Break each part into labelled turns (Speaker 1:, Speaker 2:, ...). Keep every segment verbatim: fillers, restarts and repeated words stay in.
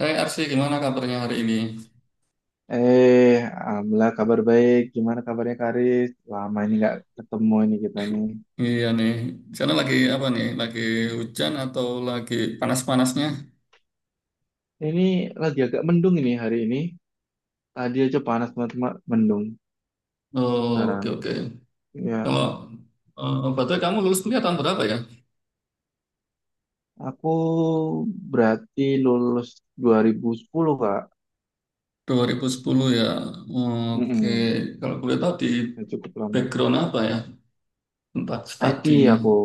Speaker 1: Hey Arsi, gimana kabarnya hari ini?
Speaker 2: Eh, Alhamdulillah kabar baik. Gimana kabarnya Karis? Lama ini nggak ketemu ini kita ini.
Speaker 1: Iya nih, di sana lagi apa nih? Lagi hujan atau lagi panas-panasnya?
Speaker 2: Ini lagi agak mendung ini hari ini. Tadi aja panas banget, cuma mendung
Speaker 1: Oke,
Speaker 2: sekarang.
Speaker 1: oke.
Speaker 2: Ya,
Speaker 1: Kalau eh, berarti kamu lulus kuliah tahun berapa ya?
Speaker 2: aku berarti lulus dua ribu sepuluh, Kak.
Speaker 1: dua ribu sepuluh ya. Oke,
Speaker 2: Mm-mm.
Speaker 1: kalau boleh tahu di
Speaker 2: Ya, cukup lama.
Speaker 1: background apa ya? Tempat
Speaker 2: I T
Speaker 1: studinya.
Speaker 2: aku,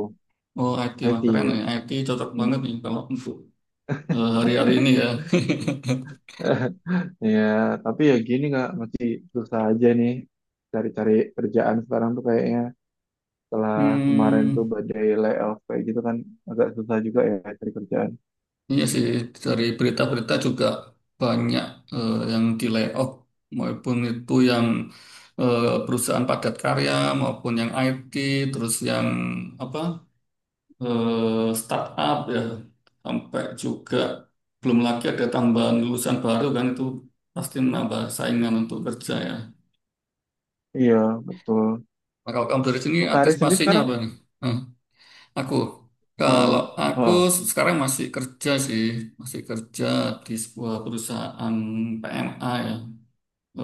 Speaker 1: Oh, I T, wah keren
Speaker 2: I T.
Speaker 1: ya. I T cocok
Speaker 2: Hmm.
Speaker 1: banget nih kalau untuk eh, hari-hari ini ya.
Speaker 2: Ya, tapi ya gini Kak, masih susah aja nih cari-cari kerjaan sekarang tuh kayaknya. Setelah kemarin tuh
Speaker 1: Hmm.
Speaker 2: badai layoff kayak gitu kan agak susah juga ya cari kerjaan.
Speaker 1: Iya sih, dari berita-berita juga banyak eh, yang di layoff, maupun itu yang eh, perusahaan padat karya, maupun yang I T, terus yang apa eh, startup ya, sampai juga belum lagi ada tambahan lulusan baru kan itu pasti menambah saingan untuk kerja ya.
Speaker 2: Iya, betul.
Speaker 1: Nah, kalau kamu dari sini
Speaker 2: Oh, Kak Aris sendiri
Speaker 1: antisipasinya apa
Speaker 2: sekarang
Speaker 1: nih? Aku, kalau
Speaker 2: eh
Speaker 1: aku
Speaker 2: eh,
Speaker 1: sekarang masih kerja sih, masih kerja di sebuah perusahaan P M A ya,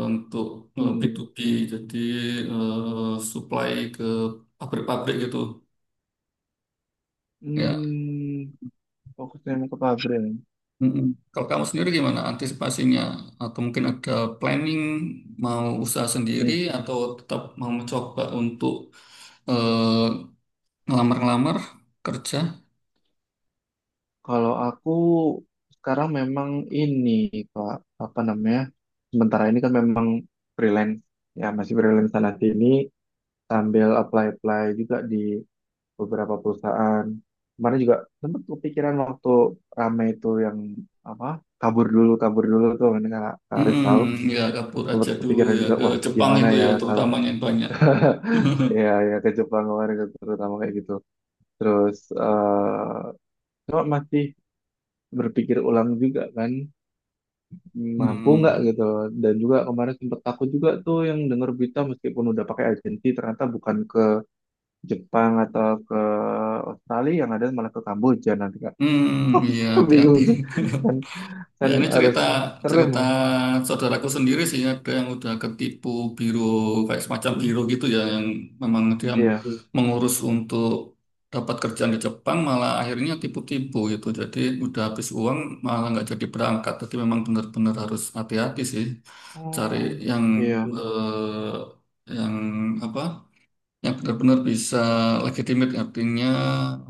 Speaker 1: untuk eh,
Speaker 2: hmm,
Speaker 1: B to B, jadi eh, supply ke pabrik-pabrik gitu. Ya.
Speaker 2: hmm, fokusnya emang ke pabrik.
Speaker 1: Mm-mm. Kalau kamu sendiri gimana antisipasinya? Atau mungkin ada planning mau usaha sendiri
Speaker 2: Hmm.
Speaker 1: atau tetap mau mencoba untuk eh, ngelamar-ngelamar kerja?
Speaker 2: Kalau aku sekarang memang ini, Pak, apa namanya? Sementara ini kan memang freelance ya, masih freelance sana sini sambil apply-apply juga di beberapa perusahaan. Kemarin juga sempat kepikiran waktu rame itu yang apa kabur dulu kabur dulu tuh ini karena Kak Aris tahu
Speaker 1: Mm-mm. Ya kabur
Speaker 2: sempat
Speaker 1: aja dulu
Speaker 2: kepikiran
Speaker 1: ya
Speaker 2: juga
Speaker 1: ke
Speaker 2: wah
Speaker 1: Jepang
Speaker 2: gimana
Speaker 1: itu
Speaker 2: ya
Speaker 1: ya
Speaker 2: kalau
Speaker 1: terutamanya yang banyak.
Speaker 2: ya ya ke Jepang kemarin terutama kayak gitu. Terus eh cuma masih berpikir ulang juga kan mampu nggak
Speaker 1: Hmm,
Speaker 2: gitu dan juga kemarin sempat takut juga tuh yang dengar berita meskipun udah pakai agensi ternyata bukan ke Jepang atau ke Australia yang ada malah ke Kamboja nanti
Speaker 1: hmm, iya hati-hati.
Speaker 2: bingung tuh kan
Speaker 1: Ya
Speaker 2: kan
Speaker 1: ini
Speaker 2: harus
Speaker 1: cerita
Speaker 2: serem
Speaker 1: cerita
Speaker 2: loh.
Speaker 1: saudaraku sendiri sih ada yang udah ketipu biro kayak semacam
Speaker 2: Hmm,
Speaker 1: biro gitu ya yang memang dia
Speaker 2: iya,
Speaker 1: mengurus untuk dapat kerjaan di Jepang malah akhirnya tipu-tipu gitu. Jadi udah habis uang malah nggak jadi berangkat. Jadi memang benar-benar harus hati-hati sih cari
Speaker 2: oh,
Speaker 1: yang
Speaker 2: iya,
Speaker 1: eh, yang apa? Yang benar-benar bisa legitimate, artinya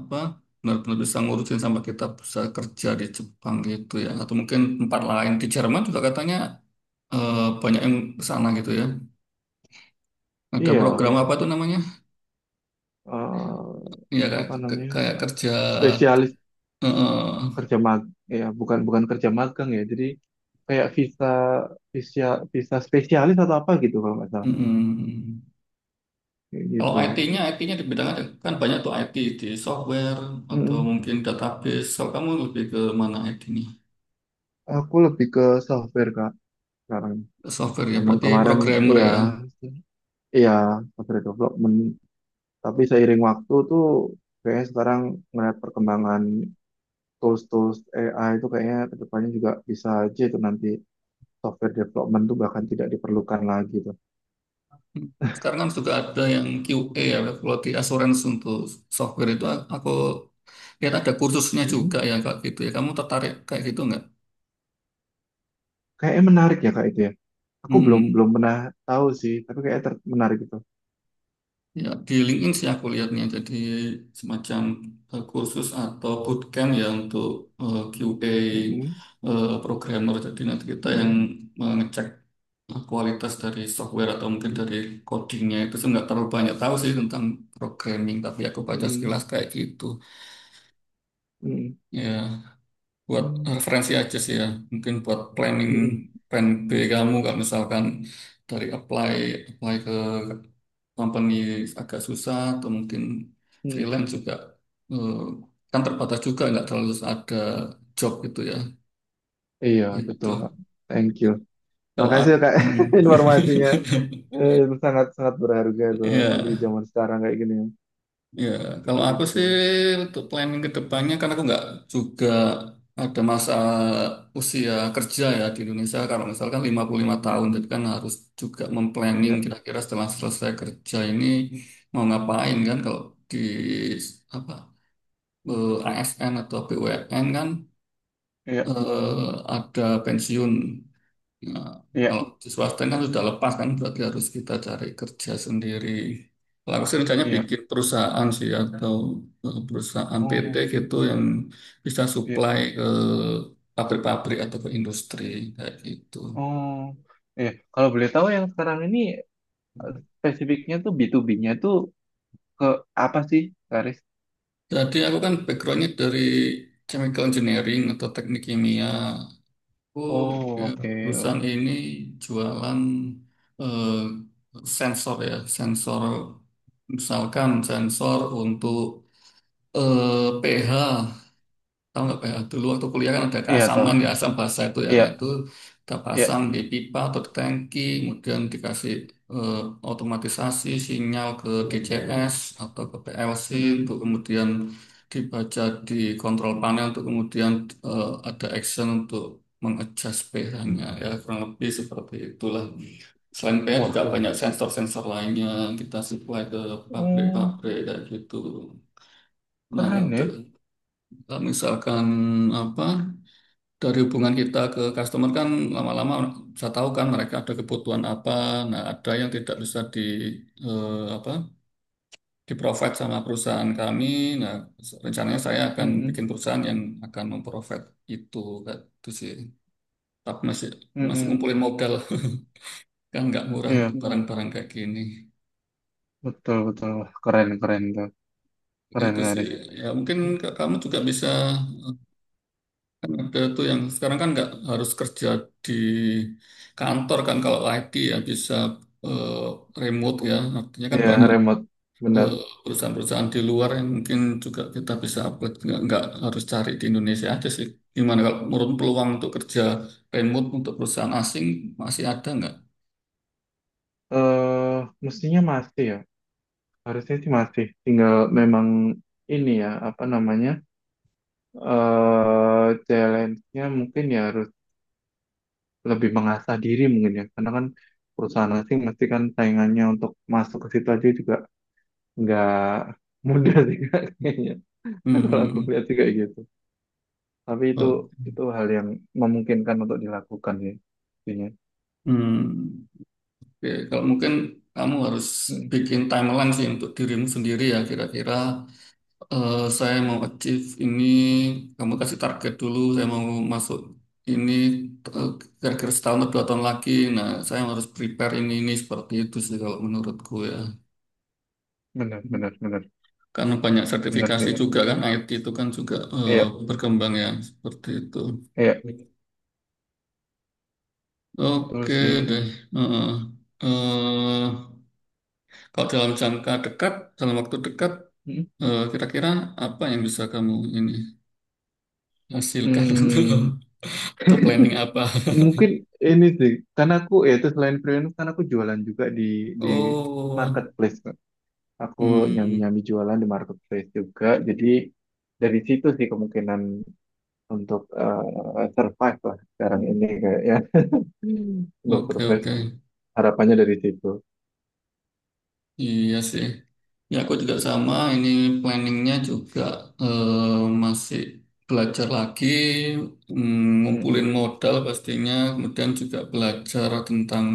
Speaker 1: apa, benar-benar bisa ngurusin sampai kita bisa kerja di Jepang gitu ya, atau mungkin tempat lain. Di Jerman juga katanya eh, banyak yang ke sana gitu ya, ada
Speaker 2: iya.
Speaker 1: program. Iya. Apa tuh namanya,
Speaker 2: Eh,
Speaker 1: ya, kayak,
Speaker 2: apa namanya
Speaker 1: kayak
Speaker 2: eh,
Speaker 1: kerja
Speaker 2: spesialis
Speaker 1: eh,
Speaker 2: kerja mag ya bukan bukan kerja magang ya jadi kayak visa visa visa spesialis atau apa gitu kalau nggak salah.
Speaker 1: mm,
Speaker 2: Kayak
Speaker 1: kalau
Speaker 2: gitu.
Speaker 1: I T-nya I T-nya di bidang ada kan banyak tuh I T, di software atau
Speaker 2: Mm-mm.
Speaker 1: mungkin database. Kalau kamu lebih ke mana I T-nya?
Speaker 2: Aku lebih ke software kak sekarang,
Speaker 1: Software ya,
Speaker 2: memang
Speaker 1: berarti
Speaker 2: kemarin
Speaker 1: programmer
Speaker 2: ya
Speaker 1: ya.
Speaker 2: iya software development tapi seiring waktu tuh kayaknya sekarang melihat perkembangan tools-tools A I itu kayaknya kedepannya juga bisa aja itu nanti software development tuh bahkan tidak diperlukan lagi tuh.
Speaker 1: Sekarang kan juga ada yang Q A ya, quality assurance untuk software itu, a- aku lihat ada kursusnya juga
Speaker 2: Mhm.
Speaker 1: ya kayak gitu ya. Kamu tertarik kayak gitu nggak?
Speaker 2: Kayaknya menarik ya kak itu ya. Aku belum
Speaker 1: Mm-mm.
Speaker 2: belum pernah tahu sih, tapi kayaknya ter- menarik itu.
Speaker 1: Ya, di LinkedIn sih aku lihatnya, jadi semacam eh, kursus atau bootcamp ya untuk eh, Q A
Speaker 2: Mhm.
Speaker 1: eh, programmer. Jadi nanti kita yang
Speaker 2: Mhm.
Speaker 1: mengecek eh, kualitas dari software atau mungkin dari codingnya. Itu saya nggak terlalu banyak tahu sih tentang programming, tapi aku baca
Speaker 2: Mhm.
Speaker 1: sekilas kayak gitu.
Speaker 2: Mhm.
Speaker 1: Ya, buat
Speaker 2: Mhm.
Speaker 1: referensi aja sih ya, mungkin buat planning
Speaker 2: Mhm.
Speaker 1: plan B kamu, nggak, misalkan dari apply apply ke company agak susah, atau mungkin
Speaker 2: Mhm.
Speaker 1: freelance juga eh, kan terbatas juga, nggak terlalu ada job gitu ya,
Speaker 2: Iya
Speaker 1: gitu
Speaker 2: betul, Kak. Thank you.
Speaker 1: kalau
Speaker 2: Makasih
Speaker 1: aku.
Speaker 2: ya kak informasinya. Eh, itu sangat sangat berharga tuh apalagi di
Speaker 1: ya.
Speaker 2: zaman sekarang kayak gini.
Speaker 1: Ya, kalau aku
Speaker 2: Gitu.
Speaker 1: sih untuk planning ke depannya, karena aku nggak juga, ada masa usia kerja ya di Indonesia. Kalau misalkan lima puluh lima
Speaker 2: Ya,
Speaker 1: tahun, jadi kan harus juga memplanning
Speaker 2: ya,
Speaker 1: kira-kira setelah selesai kerja ini mau ngapain kan. Kalau di apa eh, A S N atau B U M N kan
Speaker 2: ya,
Speaker 1: eh, ada pensiun. Nah,
Speaker 2: ya,
Speaker 1: kalau di swasta kan sudah lepas kan, berarti harus kita cari kerja sendiri. Kalau aku sih rencananya
Speaker 2: ya.
Speaker 1: bikin perusahaan sih, atau eh, perusahaan P T
Speaker 2: Oh,
Speaker 1: gitu yang bisa
Speaker 2: ya.
Speaker 1: supply ke pabrik-pabrik atau ke industri kayak gitu.
Speaker 2: Oh, iya. Kalau boleh tahu yang sekarang ini eh, spesifiknya tuh bi tu bi nya tuh ke apa sih, Karis?
Speaker 1: Jadi aku kan backgroundnya dari chemical engineering atau teknik kimia. Aku,
Speaker 2: Oh,
Speaker 1: ya,
Speaker 2: oke.
Speaker 1: perusahaan ini jualan eh, sensor ya, sensor misalkan sensor untuk eh, P H, tahu nggak P H? Dulu waktu kuliah kan ada
Speaker 2: Iya,
Speaker 1: keasaman
Speaker 2: toh.
Speaker 1: ya, asam basa itu ya. Nah
Speaker 2: Iya,
Speaker 1: itu kita
Speaker 2: iya.
Speaker 1: pasang di pipa atau di tangki, kemudian dikasih eh, otomatisasi sinyal ke D C S atau ke P L C
Speaker 2: Mm-mm.
Speaker 1: untuk kemudian dibaca di kontrol panel, untuk kemudian eh, ada action untuk mengadjust pH-nya, ya kurang lebih seperti itulah. Selain pH juga
Speaker 2: Wah,
Speaker 1: banyak sensor-sensor lainnya kita supply ke
Speaker 2: oh,
Speaker 1: pabrik-pabrik kayak gitu. Nah,
Speaker 2: keren
Speaker 1: ada.
Speaker 2: ya.
Speaker 1: Kalau misalkan apa, dari hubungan kita ke customer kan lama-lama bisa tahu kan mereka ada kebutuhan apa. Nah, ada yang tidak bisa di eh, apa, di provide sama perusahaan kami. Nah, rencananya saya akan bikin
Speaker 2: Mm-mm.
Speaker 1: perusahaan yang akan memprovide itu, kayak itu sih. Tapi masih masih
Speaker 2: Mm-mm.
Speaker 1: ngumpulin modal, kan nggak murah
Speaker 2: Iya,
Speaker 1: untuk Hmm. barang-barang kayak gini.
Speaker 2: betul, betul. Wah, keren, keren tuh.
Speaker 1: Ya,
Speaker 2: Keren,
Speaker 1: itu sih.
Speaker 2: Karis.
Speaker 1: Ya mungkin ke- kamu juga bisa. Kan ada tuh yang sekarang kan nggak harus kerja di kantor kan, kalau I T ya bisa eh, remote ya. Artinya kan
Speaker 2: Iya,
Speaker 1: banyak
Speaker 2: remote.
Speaker 1: Hmm.
Speaker 2: Benar.
Speaker 1: eh, perusahaan-perusahaan di luar, yang mungkin juga kita bisa upload, nggak nggak harus cari di Indonesia aja sih. Gimana kalau menurut peluang untuk kerja remote untuk perusahaan asing, masih ada nggak?
Speaker 2: Eh, mestinya masih ya. Harusnya sih masih. Tinggal memang ini ya, apa namanya? Eh challenge-nya mungkin ya harus lebih mengasah diri mungkin ya karena kan perusahaan asing pasti kan saingannya untuk masuk ke situ aja juga nggak mudah sih Kak, kayaknya kalau aku
Speaker 1: Hmm.
Speaker 2: lihat sih kayak gitu tapi itu
Speaker 1: Oh.
Speaker 2: itu hal yang memungkinkan untuk dilakukan ya intinya.
Speaker 1: Hmm. Oke, kalau mungkin kamu harus
Speaker 2: Mm,
Speaker 1: bikin timeline sih untuk dirimu sendiri ya, kira-kira, Eh, saya mau achieve ini, kamu kasih target dulu. Saya mau masuk ini eh, kira-kira setahun atau dua tahun lagi. Nah, saya harus prepare ini ini seperti itu sih kalau menurutku ya.
Speaker 2: benar benar benar
Speaker 1: Karena banyak
Speaker 2: benar sih
Speaker 1: sertifikasi
Speaker 2: kak,
Speaker 1: juga kan, I T itu kan juga eh,
Speaker 2: iya
Speaker 1: berkembang ya seperti itu.
Speaker 2: iya betul
Speaker 1: Oke
Speaker 2: sih.
Speaker 1: deh. Heeh. Eh, Kalau dalam jangka dekat, dalam waktu dekat,
Speaker 2: Mm.
Speaker 1: eh, kira-kira apa yang bisa kamu ini hasilkan untuk,
Speaker 2: Mm,
Speaker 1: ada planning apa?
Speaker 2: mungkin ini sih karena aku ya itu selain freelance karena aku jualan juga di di
Speaker 1: Oh,
Speaker 2: marketplace, aku
Speaker 1: hmm,
Speaker 2: nyambi-nyambi jualan di marketplace juga. Jadi dari situ sih kemungkinan untuk eh, survive lah sekarang ini kayak ya. Hmm. Untuk
Speaker 1: oke,
Speaker 2: survive
Speaker 1: oke,
Speaker 2: harapannya dari situ.
Speaker 1: iya sih. Ya aku juga sama. Ini planningnya juga eh, masih belajar lagi, mm, ngumpulin
Speaker 2: Mm-mm.
Speaker 1: modal pastinya. Kemudian juga belajar tentang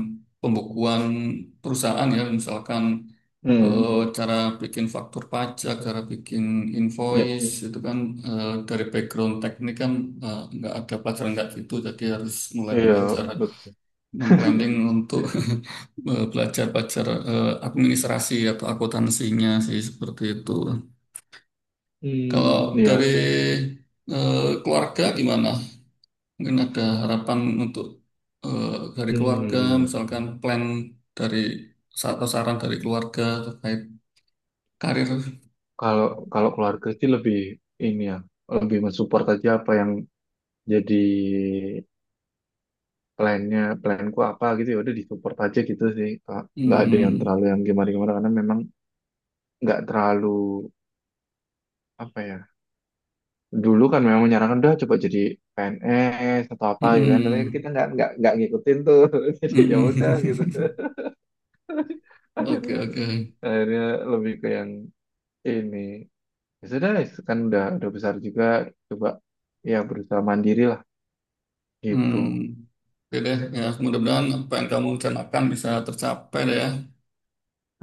Speaker 1: pembukuan perusahaan ya, misalkan
Speaker 2: Mm.
Speaker 1: eh, cara bikin faktur pajak, cara bikin
Speaker 2: Iya,
Speaker 1: invoice. Itu kan eh, dari background teknik kan eh, nggak ada pelajaran nggak gitu, jadi harus mulai
Speaker 2: iya,
Speaker 1: belajar.
Speaker 2: betul.
Speaker 1: Memplanning untuk eh, belajar-belajar eh, administrasi atau akuntansinya sih, seperti itu.
Speaker 2: Hmm,
Speaker 1: Kalau
Speaker 2: iya.
Speaker 1: dari eh, keluarga gimana? Mungkin ada harapan untuk eh, dari keluarga,
Speaker 2: Hmm.
Speaker 1: misalkan plan dari, atau saran dari keluarga terkait karir.
Speaker 2: Kalau kalau keluarga sih lebih ini ya, lebih mensupport aja apa yang jadi plannya, planku apa gitu ya udah disupport aja gitu sih, Kak. Nggak ada yang
Speaker 1: Hmm,
Speaker 2: terlalu yang gimana-gimana karena memang nggak terlalu apa ya dulu kan memang menyarankan udah coba jadi P N S atau apa gitu kan tapi kan
Speaker 1: hmm,
Speaker 2: kita nggak nggak nggak ngikutin tuh jadi ya udah gitu
Speaker 1: hmm. Oke,
Speaker 2: akhirnya
Speaker 1: oke.
Speaker 2: akhirnya lebih ke yang ini ya sudah kan udah udah besar juga coba ya berusaha mandiri lah gitu.
Speaker 1: Hmm. Oke deh, ya mudah-mudahan apa yang kamu rencanakan bisa tercapai deh ya.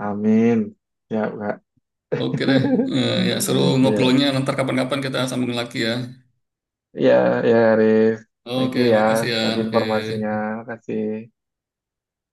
Speaker 2: Amin ya kak
Speaker 1: Oke deh. Eh, ya, seru
Speaker 2: ya
Speaker 1: ngobrolnya. Nanti kapan-kapan kita sambung lagi ya.
Speaker 2: ya ya Haris thank
Speaker 1: Oke,
Speaker 2: you ya
Speaker 1: makasih ya.
Speaker 2: tadi informasinya
Speaker 1: Oke.
Speaker 2: makasih.